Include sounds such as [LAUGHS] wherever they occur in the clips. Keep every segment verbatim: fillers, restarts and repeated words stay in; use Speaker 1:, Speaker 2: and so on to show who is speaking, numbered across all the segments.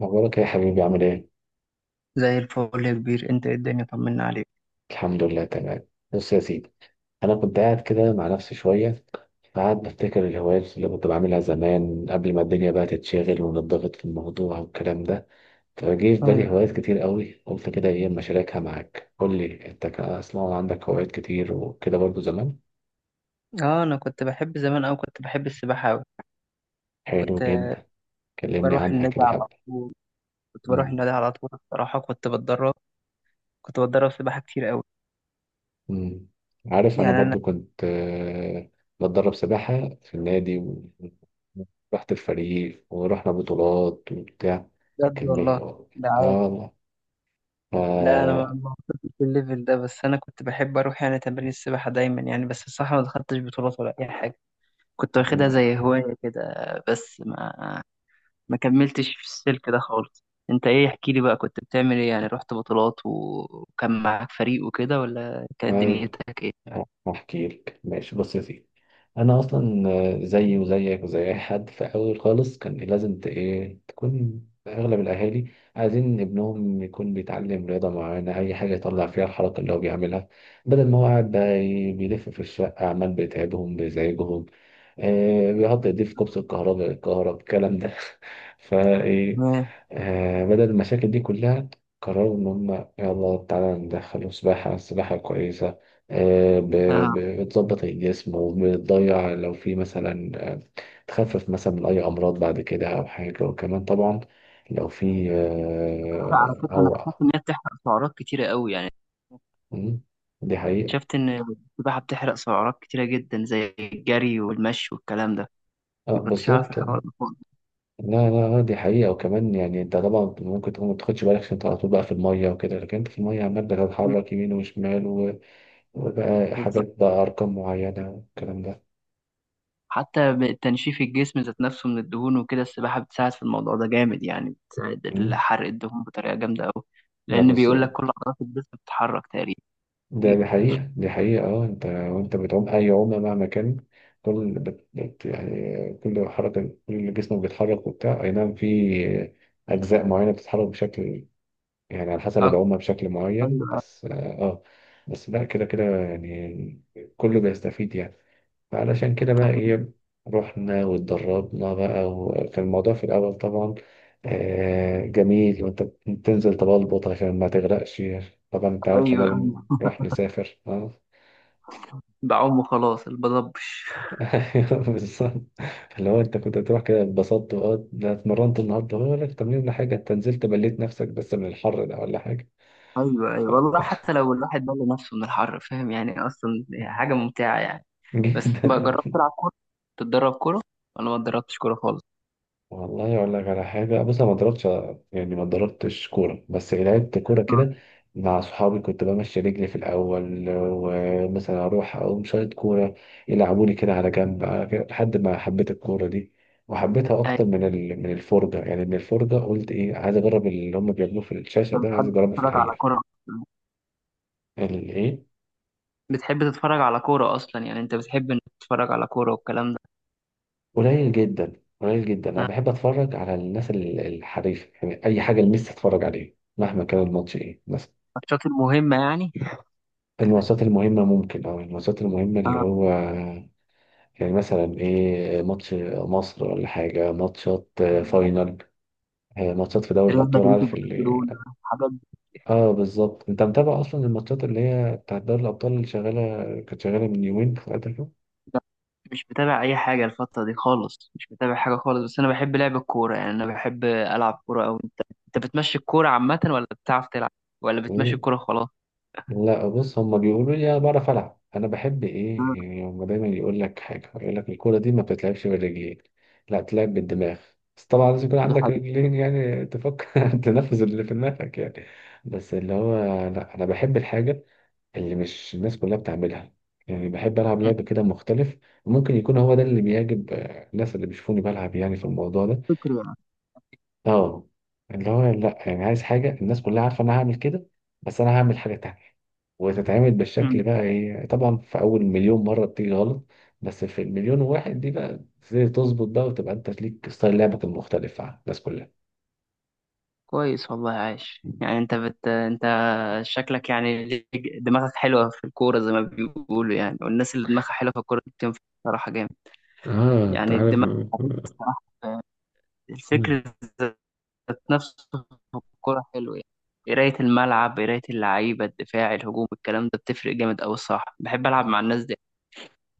Speaker 1: مبروك يا حبيبي، عامل ايه؟
Speaker 2: زي الفل يا كبير، انت ايه؟ الدنيا طمنا عليك.
Speaker 1: الحمد لله، تمام. بص يا سيدي، انا كنت قاعد كده مع نفسي شويه، قاعد بفتكر الهوايات اللي كنت بعملها زمان قبل ما الدنيا بقى تتشغل ونضغط في الموضوع والكلام ده. فجه في بالي
Speaker 2: طيب.
Speaker 1: هوايات كتير قوي، قلت كده ايه اما اشاركها معاك. قول لي انت، كان اسمع عندك هوايات كتير وكده برضو زمان.
Speaker 2: اه، انا كنت بحب زمان اوي، كنت بحب السباحة اوي.
Speaker 1: حلو
Speaker 2: كنت
Speaker 1: جدا، كلمني
Speaker 2: بروح
Speaker 1: عنها
Speaker 2: النادي
Speaker 1: كده
Speaker 2: على
Speaker 1: حبه.
Speaker 2: طول كنت بروح
Speaker 1: مم.
Speaker 2: النادي على طول الصراحة. كنت بتدرب كنت بتدرب سباحة كتير اوي،
Speaker 1: مم. عارف، انا
Speaker 2: يعني انا.
Speaker 1: برضو كنت آه، بتدرب سباحة في النادي و- ورحت الفريق ورحنا بطولات وبتاع.
Speaker 2: بجد
Speaker 1: كان
Speaker 2: والله؟ ده عادي.
Speaker 1: اه.
Speaker 2: لا، انا ما
Speaker 1: آه،
Speaker 2: ما وصلتش الليفل ده، بس انا كنت بحب اروح يعني تمارين السباحة دايما يعني، بس الصراحة ما دخلتش بطولات ولا اي حاجة. كنت واخدها زي هواية كده، بس ما ما كملتش في السلك ده خالص. انت ايه؟ احكي لي بقى، كنت بتعمل ايه يعني؟ رحت بطولات و- وكان معاك فريق وكده، ولا كانت
Speaker 1: ايوه،
Speaker 2: دنيتك ايه؟
Speaker 1: هحكي لك، ماشي، بص يا سيدي. انا اصلا آه، زيي وزيك وزي اي حد، في اول خالص كان لازم ت- ايه تكون. اغلب الاهالي عايزين ابنهم يكون بيتعلم رياضه معينه، اي حاجه يطلع فيها الحركه اللي هو بيعملها، بدل ما هو قاعد بقى ي- بيلف في الشقه عمال بيتعبهم بيزعجهم. آه، بيحط ايديه في كبس الكهرباء، الكهرباء الكلام ده. [LAUGHS] فايه،
Speaker 2: تمام.
Speaker 1: آه، بدل المشاكل دي كلها قرروا ان هم، يلا تعالى ندخله سباحه. السباحه كويسه، آه، ب-
Speaker 2: اه،
Speaker 1: ب- بتظبط الجسم وبتضيع لو في مثلا آه، تخفف مثلا من أي أمراض بعد كده أو حاجة. وكمان طبعا لو في
Speaker 2: بتحرق على
Speaker 1: آه،
Speaker 2: فكره، انا
Speaker 1: أو...
Speaker 2: اكتشفت ان هي بتحرق سعرات كتيره قوي يعني.
Speaker 1: مم، دي حقيقة.
Speaker 2: شفت ان السباحه بتحرق سعرات كتيره جدا، زي الجري والمشي والكلام ده.
Speaker 1: آه،
Speaker 2: ما كنتش عارف
Speaker 1: بالظبط.
Speaker 2: الحوار ده خالص.
Speaker 1: لا لا، آه، دي حقيقة. وكمان يعني أنت طبعا ممكن تكون ما تاخدش بالك عشان أنت على طول بقى في المية وكده، لكن أنت في المية عمال بتتحرك يمين وشمال و- وبقى
Speaker 2: بالظبط،
Speaker 1: حاجات بقى أرقام معينة والكلام ده.
Speaker 2: حتى تنشيف الجسم ذات نفسه من الدهون وكده، السباحه بتساعد في الموضوع ده جامد يعني، بتساعد
Speaker 1: مم،
Speaker 2: حرق الدهون بطريقه جامده قوي.
Speaker 1: لا،
Speaker 2: لان بيقول لك كل
Speaker 1: بالظبط.
Speaker 2: عضلات الجسم بتتحرك تقريبا.
Speaker 1: ده
Speaker 2: في
Speaker 1: دي حقيقة دي حقيقة، اه. انت وانت بتعوم اي عومة مهما كان، كل بت... بت- يعني كل حركة كل جسمك بيتحرك وبتاع، اي نعم، في اجزاء معينة بتتحرك بشكل، يعني على حسب
Speaker 2: أكتر.
Speaker 1: العمة بشكل معين،
Speaker 2: أيوة.
Speaker 1: بس اه. آه. بس لا، كده كده يعني كله بيستفيد يعني. فعلشان كده بقى
Speaker 2: طب،
Speaker 1: ايه، رحنا واتدربنا بقى. وكان الموضوع في الأول طبعا آه جميل، وانت بتنزل تبلبط عشان ما تغرقش. طبعا انت
Speaker 2: أيوة
Speaker 1: عارف لما
Speaker 2: أيوة.
Speaker 1: بنروح نسافر اه.
Speaker 2: بعوم وخلاص البضبش.
Speaker 1: [LAUGHS] أيوة، بالظبط. اللي هو انت كنت تروح كده اتبسطت اه، ده اتمرنت النهارده ولا تمرين ولا حاجه، انت نزلت بليت نفسك بس من الحر ده ولا حاجه.
Speaker 2: أيوة
Speaker 1: ف...
Speaker 2: أيوة والله، حتى لو الواحد بل نفسه من الحر، فاهم يعني؟ أصلا حاجة ممتعة يعني.
Speaker 1: [LAUGHS]
Speaker 2: بس بقى،
Speaker 1: جدا.
Speaker 2: جربت تلعب كورة؟ تتدرب كورة؟ أنا ما اتدربتش كورة خالص.
Speaker 1: والله اقول لك على حاجه، بص انا ما ضربتش، يعني ما ضربتش كوره، بس إيه، لعبت كوره
Speaker 2: آه.
Speaker 1: كده مع صحابي. كنت بمشي رجلي في الاول ومثلا اروح اقوم شايط كوره، يلعبوني كده على جنب، لحد ما حبيت الكوره دي وحبيتها
Speaker 2: أيوة.
Speaker 1: اكتر من ال- من الفرجه، يعني من الفرجه قلت ايه، عايز اجرب اللي هم بيعملوه في الشاشه
Speaker 2: أنت
Speaker 1: ده، عايز
Speaker 2: بتحب
Speaker 1: اجربه في
Speaker 2: تتفرج على
Speaker 1: الحقيقه.
Speaker 2: كورة؟
Speaker 1: الايه؟
Speaker 2: بتحب تتفرج على كورة أصلا يعني؟ أنت بتحب إنك تتفرج على كورة والكلام ده؟
Speaker 1: قليل جدا، قليل جدا. انا
Speaker 2: آه.
Speaker 1: بحب اتفرج على الناس ال- الحريفه، يعني اي حاجه لميسي اتفرج عليها مهما كان الماتش ايه، بس.
Speaker 2: الماتشات المهمة يعني.
Speaker 1: الماتشات المهمة ممكن، أو الماتشات المهمة اللي
Speaker 2: آه،
Speaker 1: هو يعني مثلا إيه، ماتش مصر ولا حاجة، ماتشات آه،
Speaker 2: أيوة.
Speaker 1: فاينل، آه، ماتشات في دوري
Speaker 2: ريال
Speaker 1: الأبطال،
Speaker 2: مدريد
Speaker 1: عارف اللي...
Speaker 2: وبرشلونة، الحاجات.
Speaker 1: آه بالظبط. أنت متابع أصلا الماتشات اللي هي بتاعت دوري الأبطال اللي شغالة؟ كانت شغالة من يومين ثلاثة
Speaker 2: لا، مش متابع اي حاجه الفتره دي خالص، مش متابع حاجه خالص، بس انا بحب لعب الكوره يعني. انا بحب العب كوره، او انت انت بتمشي الكوره عامه ولا بتعرف تلعب؟ ولا بتمشي
Speaker 1: كده.
Speaker 2: الكوره خلاص؟
Speaker 1: لا، بص، هما بيقولوا لي انا بعرف العب، انا بحب
Speaker 2: مم.
Speaker 1: ايه يعني، هما دايما يقول لك حاجه، يقول لك الكوره دي ما بتتلعبش بالرجلين، لا تلعب بالدماغ. بس طبعا لازم يكون
Speaker 2: دي
Speaker 1: عندك
Speaker 2: حقيقة.
Speaker 1: رجلين يعني، تفكر [LAUGHS] تنفذ اللي في دماغك يعني. بس اللي هو لا، انا بحب الحاجه اللي مش الناس كلها بتعملها، يعني بحب العب لعب كده مختلف. وممكن يكون هو ده اللي بيعجب آه، الناس اللي بيشوفوني بلعب، يعني في الموضوع ده.
Speaker 2: فكري يعني.
Speaker 1: اه. اللي هو لا، يعني عايز حاجة الناس كلها عارفة إن أنا هعمل كده، بس أنا هعمل حاجة تانية، وتتعمل
Speaker 2: مم.
Speaker 1: بالشكل بقى إيه. طبعا في أول مليون مرة بتيجي غلط، بس في المليون واحد دي بقى تبتدي تظبط بقى، وتبقى أنت ليك ستايل لعبك المختلف عن الناس كلها.
Speaker 2: كويس والله، عاش يعني. انت بت... انت شكلك يعني ليك- دماغك حلوه في الكوره زي ما بيقولوا يعني، والناس اللي دماغها حلوه في الكوره دي بتنفع بصراحه جامد.
Speaker 1: اه انت
Speaker 2: يعني
Speaker 1: عارف.
Speaker 2: الدماغ [LAUGHS] الصراحه،
Speaker 1: مم.
Speaker 2: الفكر ذات نفسه في الكورة حلو يعني. قراية الملعب، قراية اللعيبة، الدفاع، الهجوم، الكلام ده بتفرق جامد أوي الصراحة. بحب ألعب مع الناس دي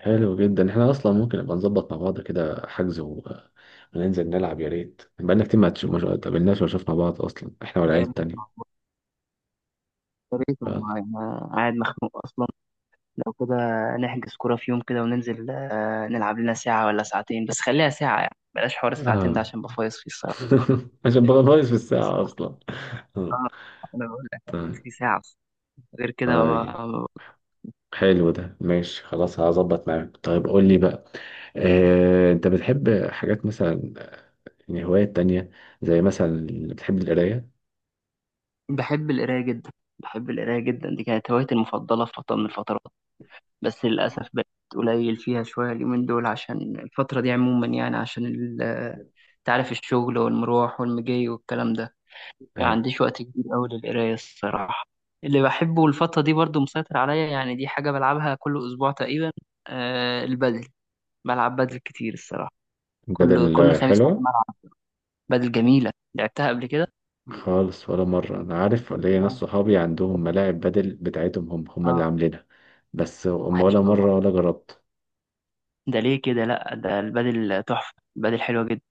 Speaker 1: حلو جدا، احنا اصلا ممكن نبقى نظبط مع بعض كده، حجز و... وننزل نلعب، يا ريت. بقالنا كتير ما تش- ما شو- قابلناش ولا شفنا بعض اصلا، احنا والعيال
Speaker 2: يعني.
Speaker 1: التانية.
Speaker 2: يا ريت
Speaker 1: ف...
Speaker 2: والله، أنا قاعد مخنوق أصلا. لو كده، نحجز كورة في يوم كده وننزل آه، نلعب لنا ساعة ولا ساعتين، بس خليها ساعة يعني، بلاش حوار الساعتين ده
Speaker 1: اه.
Speaker 2: عشان بفايص فيه الصراحة.
Speaker 1: [LAUGHS] عشان بقى ناقص في
Speaker 2: بس
Speaker 1: الساعة أصلا. آه،
Speaker 2: آه، أنا بقول لك، أنا
Speaker 1: طيب.
Speaker 2: أصلي ساعة، غير كده.
Speaker 1: طيب،
Speaker 2: ما-
Speaker 1: حلو ده، ماشي، خلاص هظبط معاك. طيب قول لي بقى، آه، أنت بتحب حاجات مثلا، يعني هوايات تانية، زي مثلا بتحب القراية؟
Speaker 2: بحب القراية جدا، بحب القراية جدا. دي كانت هوايتي المفضلة في فترة من الفترات، بس للأسف بقت قليل فيها شوية اليومين دول، عشان الفترة دي عموما يعني، عشان ال- تعرف الشغل والمروح والمجي والكلام ده، يعني
Speaker 1: أي.
Speaker 2: عنديش وقت كبير أوي للقراية الصراحة. اللي بحبه الفترة دي برضو مسيطر عليا يعني، دي حاجة بلعبها كل أسبوع تقريبا. آه، البدل. بلعب بدل كتير الصراحة. كل كل
Speaker 1: بدل
Speaker 2: خميس لازم
Speaker 1: حلوة؟
Speaker 2: ألعب بدل. جميلة، لعبتها قبل كده؟
Speaker 1: خالص، ولا مرة. أنا عارف ليا ناس
Speaker 2: لا.
Speaker 1: صحابي عندهم ملاعب بدل بتاعتهم، هم هم اللي
Speaker 2: آه،
Speaker 1: عاملينها، بس
Speaker 2: عايش
Speaker 1: ولا
Speaker 2: والله.
Speaker 1: مرة ولا جربت.
Speaker 2: ده ليه كده لأ؟ ده البدل تحفة، البدل حلوة جدا.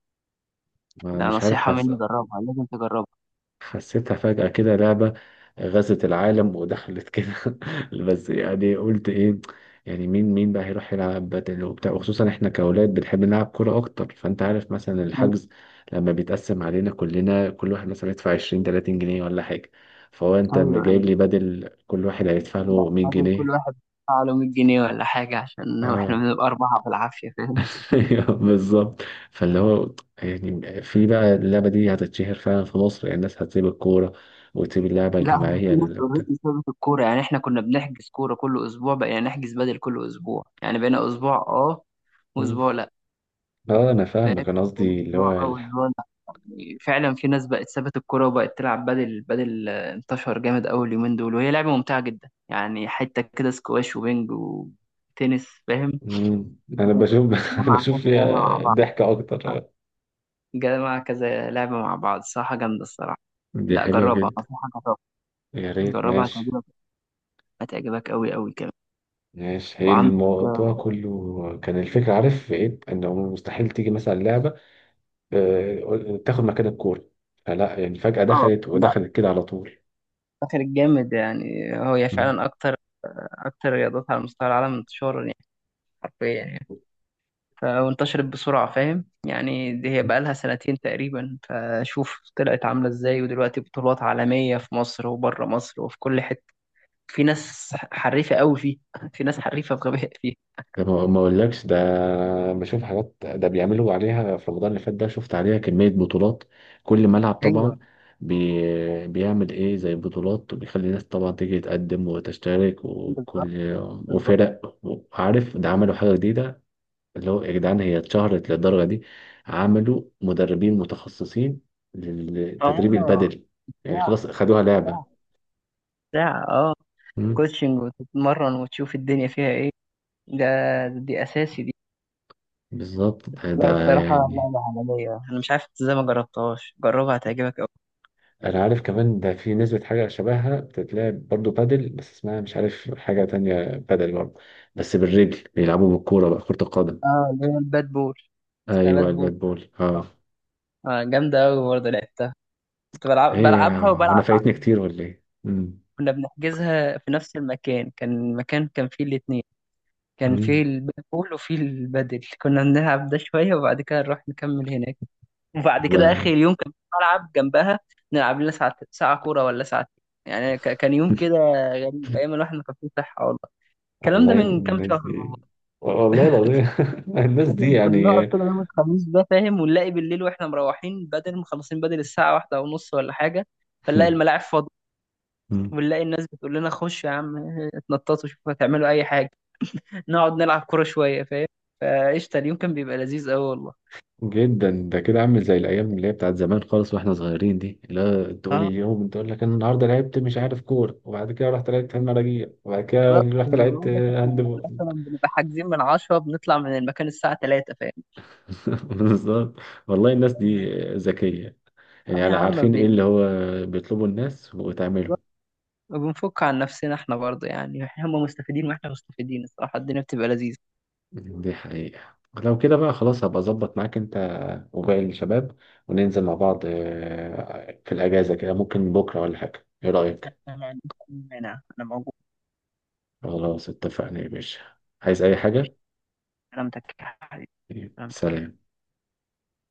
Speaker 1: ما
Speaker 2: لا
Speaker 1: مش عارف،
Speaker 2: نصيحة
Speaker 1: حاسس
Speaker 2: مني، جربها، لازم تجربها.
Speaker 1: حسيتها فجأة كده لعبة غزت العالم ودخلت كده. [LAUGHS] بس يعني قلت ايه، يعني مين مين بقى هيروح يلعب بدل وبتاع، وخصوصا احنا كأولاد بنحب نلعب كورة أكتر. فأنت عارف مثلا الحجز لما بيتقسم علينا كلنا، كل واحد مثلا يدفع عشرين تلاتين جنيه ولا حاجة، فهو أنت
Speaker 2: ايوه
Speaker 1: جايب لي
Speaker 2: ايوه،
Speaker 1: بدل كل واحد هيدفع
Speaker 2: لا
Speaker 1: له 100
Speaker 2: بدل كل
Speaker 1: جنيه
Speaker 2: واحد يدفع له مية جنيه ولا حاجه، عشان احنا
Speaker 1: اه.
Speaker 2: بنبقى اربعه بالعافيه، فاهم؟
Speaker 1: [LAUGHS] أيوه، بالظبط. فاللي هو يعني، في بقى اللعبة دي هتتشهر فعلا في مصر، يعني الناس هتسيب الكورة وتسيب اللعبة
Speaker 2: [LAUGHS] لا هو
Speaker 1: الجماعية؟
Speaker 2: في ناس اوريدي سابت الكوره يعني، احنا كنا بنحجز كوره كل اسبوع، بقينا نحجز بدل كل اسبوع، يعني بقينا اسبوع اه
Speaker 1: مم.
Speaker 2: واسبوع لا.
Speaker 1: اه انا
Speaker 2: فاهم؟
Speaker 1: فاهمك، انا قصدي اللي
Speaker 2: اسبوع
Speaker 1: هو
Speaker 2: اه
Speaker 1: الح...
Speaker 2: واسبوع لا. يعني فعلا في ناس بقت سابت الكوره وبقت تلعب بدل. بدل آه، انتشر جامد اول يومين دول، وهي لعبه ممتعه جدا يعني، حته كده سكواش وبينج وتنس، فاهم؟
Speaker 1: مم. انا بشوف [LAUGHS]
Speaker 2: جمع
Speaker 1: بشوف
Speaker 2: كذا لعبه مع
Speaker 1: فيها
Speaker 2: بعض.
Speaker 1: ضحكة اكتر.
Speaker 2: جمع كذا لعبة مع بعض، صراحة جامدة الصراحة.
Speaker 1: دي
Speaker 2: لا
Speaker 1: حلوة
Speaker 2: جربها،
Speaker 1: جدا.
Speaker 2: أنصحك
Speaker 1: يا
Speaker 2: جربها.
Speaker 1: ريت،
Speaker 2: جربها
Speaker 1: ماشي.
Speaker 2: هتعجبك. هتعجبك أوي أوي كمان.
Speaker 1: ماشي، هي
Speaker 2: وعندك
Speaker 1: الموضوع
Speaker 2: آه
Speaker 1: كله كان الفكرة، عارف في ايه، انه مستحيل تيجي مثلا لعبة آه، تاخد مكان الكورة، فلا، يعني فجأة
Speaker 2: آه،
Speaker 1: دخلت
Speaker 2: لا،
Speaker 1: ودخلت كده على طول.
Speaker 2: فاكر الجامد يعني؟ هي
Speaker 1: مم.
Speaker 2: فعلا أكتر، أكتر رياضات على مستوى العالم انتشارا يعني، حرفيا يعني. ف- وانتشرت بسرعة، فاهم يعني؟ دي هي بقالها سنتين تقريبا، فشوف طلعت عاملة إزاي، ودلوقتي بطولات عالمية في مصر وبره مصر وفي كل حتة. في ناس حريفة أوي فيه، [LAUGHS] في ناس حريفة بغباء فيه.
Speaker 1: ده ما ما اقولكش، ده بشوف حاجات ده بيعملوا عليها في رمضان اللي فات ده، شفت عليها كمية بطولات، كل ملعب
Speaker 2: ايوه
Speaker 1: طبعا بي بيعمل ايه زي بطولات، وبيخلي الناس طبعا تيجي تقدم وتشترك
Speaker 2: بالظبط.
Speaker 1: وكل وفرق. وعارف، ده عملوا حاجة جديدة، اللي هو يا جدعان هي اتشهرت للدرجة دي عملوا مدربين متخصصين للتدريب
Speaker 2: اه.
Speaker 1: البدني، يعني
Speaker 2: ساعة
Speaker 1: خلاص خدوها لعبة.
Speaker 2: ساعة ساعة اه
Speaker 1: مم.
Speaker 2: كوتشنج، وتتمرن، وتشوف الدنيا فيها ايه. ده دي اساسي دي.
Speaker 1: بالظبط، ده
Speaker 2: لا
Speaker 1: ده
Speaker 2: الصراحة
Speaker 1: يعني.
Speaker 2: لعبة عالمية، انا مش عارف إنت ازاي ما جربتهاش، جربها هتعجبك اوي.
Speaker 1: انا عارف كمان ده، في نسبة حاجة شبهها بتتلعب برضو بادل، بس اسمها مش عارف، حاجة تانية بادل برضو، بس بالرجل بيلعبوا بالكورة بقى، كرة القدم.
Speaker 2: اه، اللي هي الباد بول. اسمها
Speaker 1: ايوه
Speaker 2: باد بول.
Speaker 1: الباد بول، اه.
Speaker 2: اه جامدة اوي برضه، لعبتها. كنت بلعب
Speaker 1: ايه،
Speaker 2: بلعبها
Speaker 1: انا
Speaker 2: وبلعب.
Speaker 1: فايتني كتير ولا ايه؟ مم.
Speaker 2: كنا بنحجزها في نفس المكان، كان مكان كان فيه الاتنين، كان
Speaker 1: مم.
Speaker 2: فيه الباد بول وفيه البادل. كنا بنلعب ده شوية وبعد كده نروح نكمل هناك، وبعد كده اخر
Speaker 1: والله.
Speaker 2: اليوم كان في ملعب جنبها، نلعب لنا ساعة، ساعة كورة ولا ساعتين يعني. ك- كان يوم كده غريب، ايام الواحد ما كان فيه صحة والله. الكلام ده
Speaker 1: والله
Speaker 2: من كام
Speaker 1: الناس
Speaker 2: شهر
Speaker 1: دي،
Speaker 2: والله.
Speaker 1: والله العظيم. [LAUGHS] الناس دي
Speaker 2: فاهم؟ كنا نقعد
Speaker 1: يعني.
Speaker 2: كده يوم الخميس ده فاهم، ونلاقي بالليل واحنا مروحين بدل، مخلصين بدل الساعة واحدة ونص ولا حاجة، فنلاقي الملاعب
Speaker 1: [LAUGHS]
Speaker 2: فاضية.
Speaker 1: مم.
Speaker 2: ونلاقي الناس بتقول لنا خشوا يا عم، اتنططوا شوفوا هتعملوا اي حاجة. نقعد نلعب كورة شوية فاهم. فقشطة، اليوم كان بيبقى لذيذ قوي والله.
Speaker 1: جدا، ده كده عامل زي الايام اللي هي بتاعت زمان خالص واحنا صغيرين دي. لا تقول لي
Speaker 2: اه
Speaker 1: اليوم، تقول لك انا النهارده لعبت مش عارف كوره وبعد كده رحت لعبت في المراجيح وبعد كده
Speaker 2: بالظبط،
Speaker 1: رحت
Speaker 2: انا
Speaker 1: لعبت
Speaker 2: بقول لك
Speaker 1: هاند
Speaker 2: احنا
Speaker 1: بول.
Speaker 2: مثلا بنبقى حاجزين من عشرة، بنطلع من المكان الساعة ثلاثة فاهم.
Speaker 1: [LAUGHS] بالظبط. والله الناس دي ذكيه،
Speaker 2: اه
Speaker 1: يعني
Speaker 2: يا
Speaker 1: على
Speaker 2: عم
Speaker 1: عارفين ايه
Speaker 2: بن-
Speaker 1: اللي هو بيطلبوا الناس وتعمله.
Speaker 2: بنفك عن نفسنا احنا برضه، يعني هم مستفيدين واحنا مستفيدين الصراحة، الدنيا بتبقى لذيذة.
Speaker 1: دي حقيقه. لو كده بقى خلاص، هبقى اظبط معاك انت وباقي الشباب، وننزل مع بعض آه، في الاجازه كده، ممكن بكره ولا حاجه، ايه رايك؟
Speaker 2: انا ما عنديش أي مانع، انا موجود.
Speaker 1: خلاص اتفقنا يا باشا، عايز اي
Speaker 2: ماشي.
Speaker 1: حاجه.
Speaker 2: سلامتك يا حبيبي.
Speaker 1: طيب،
Speaker 2: سلامتك يا
Speaker 1: سلام.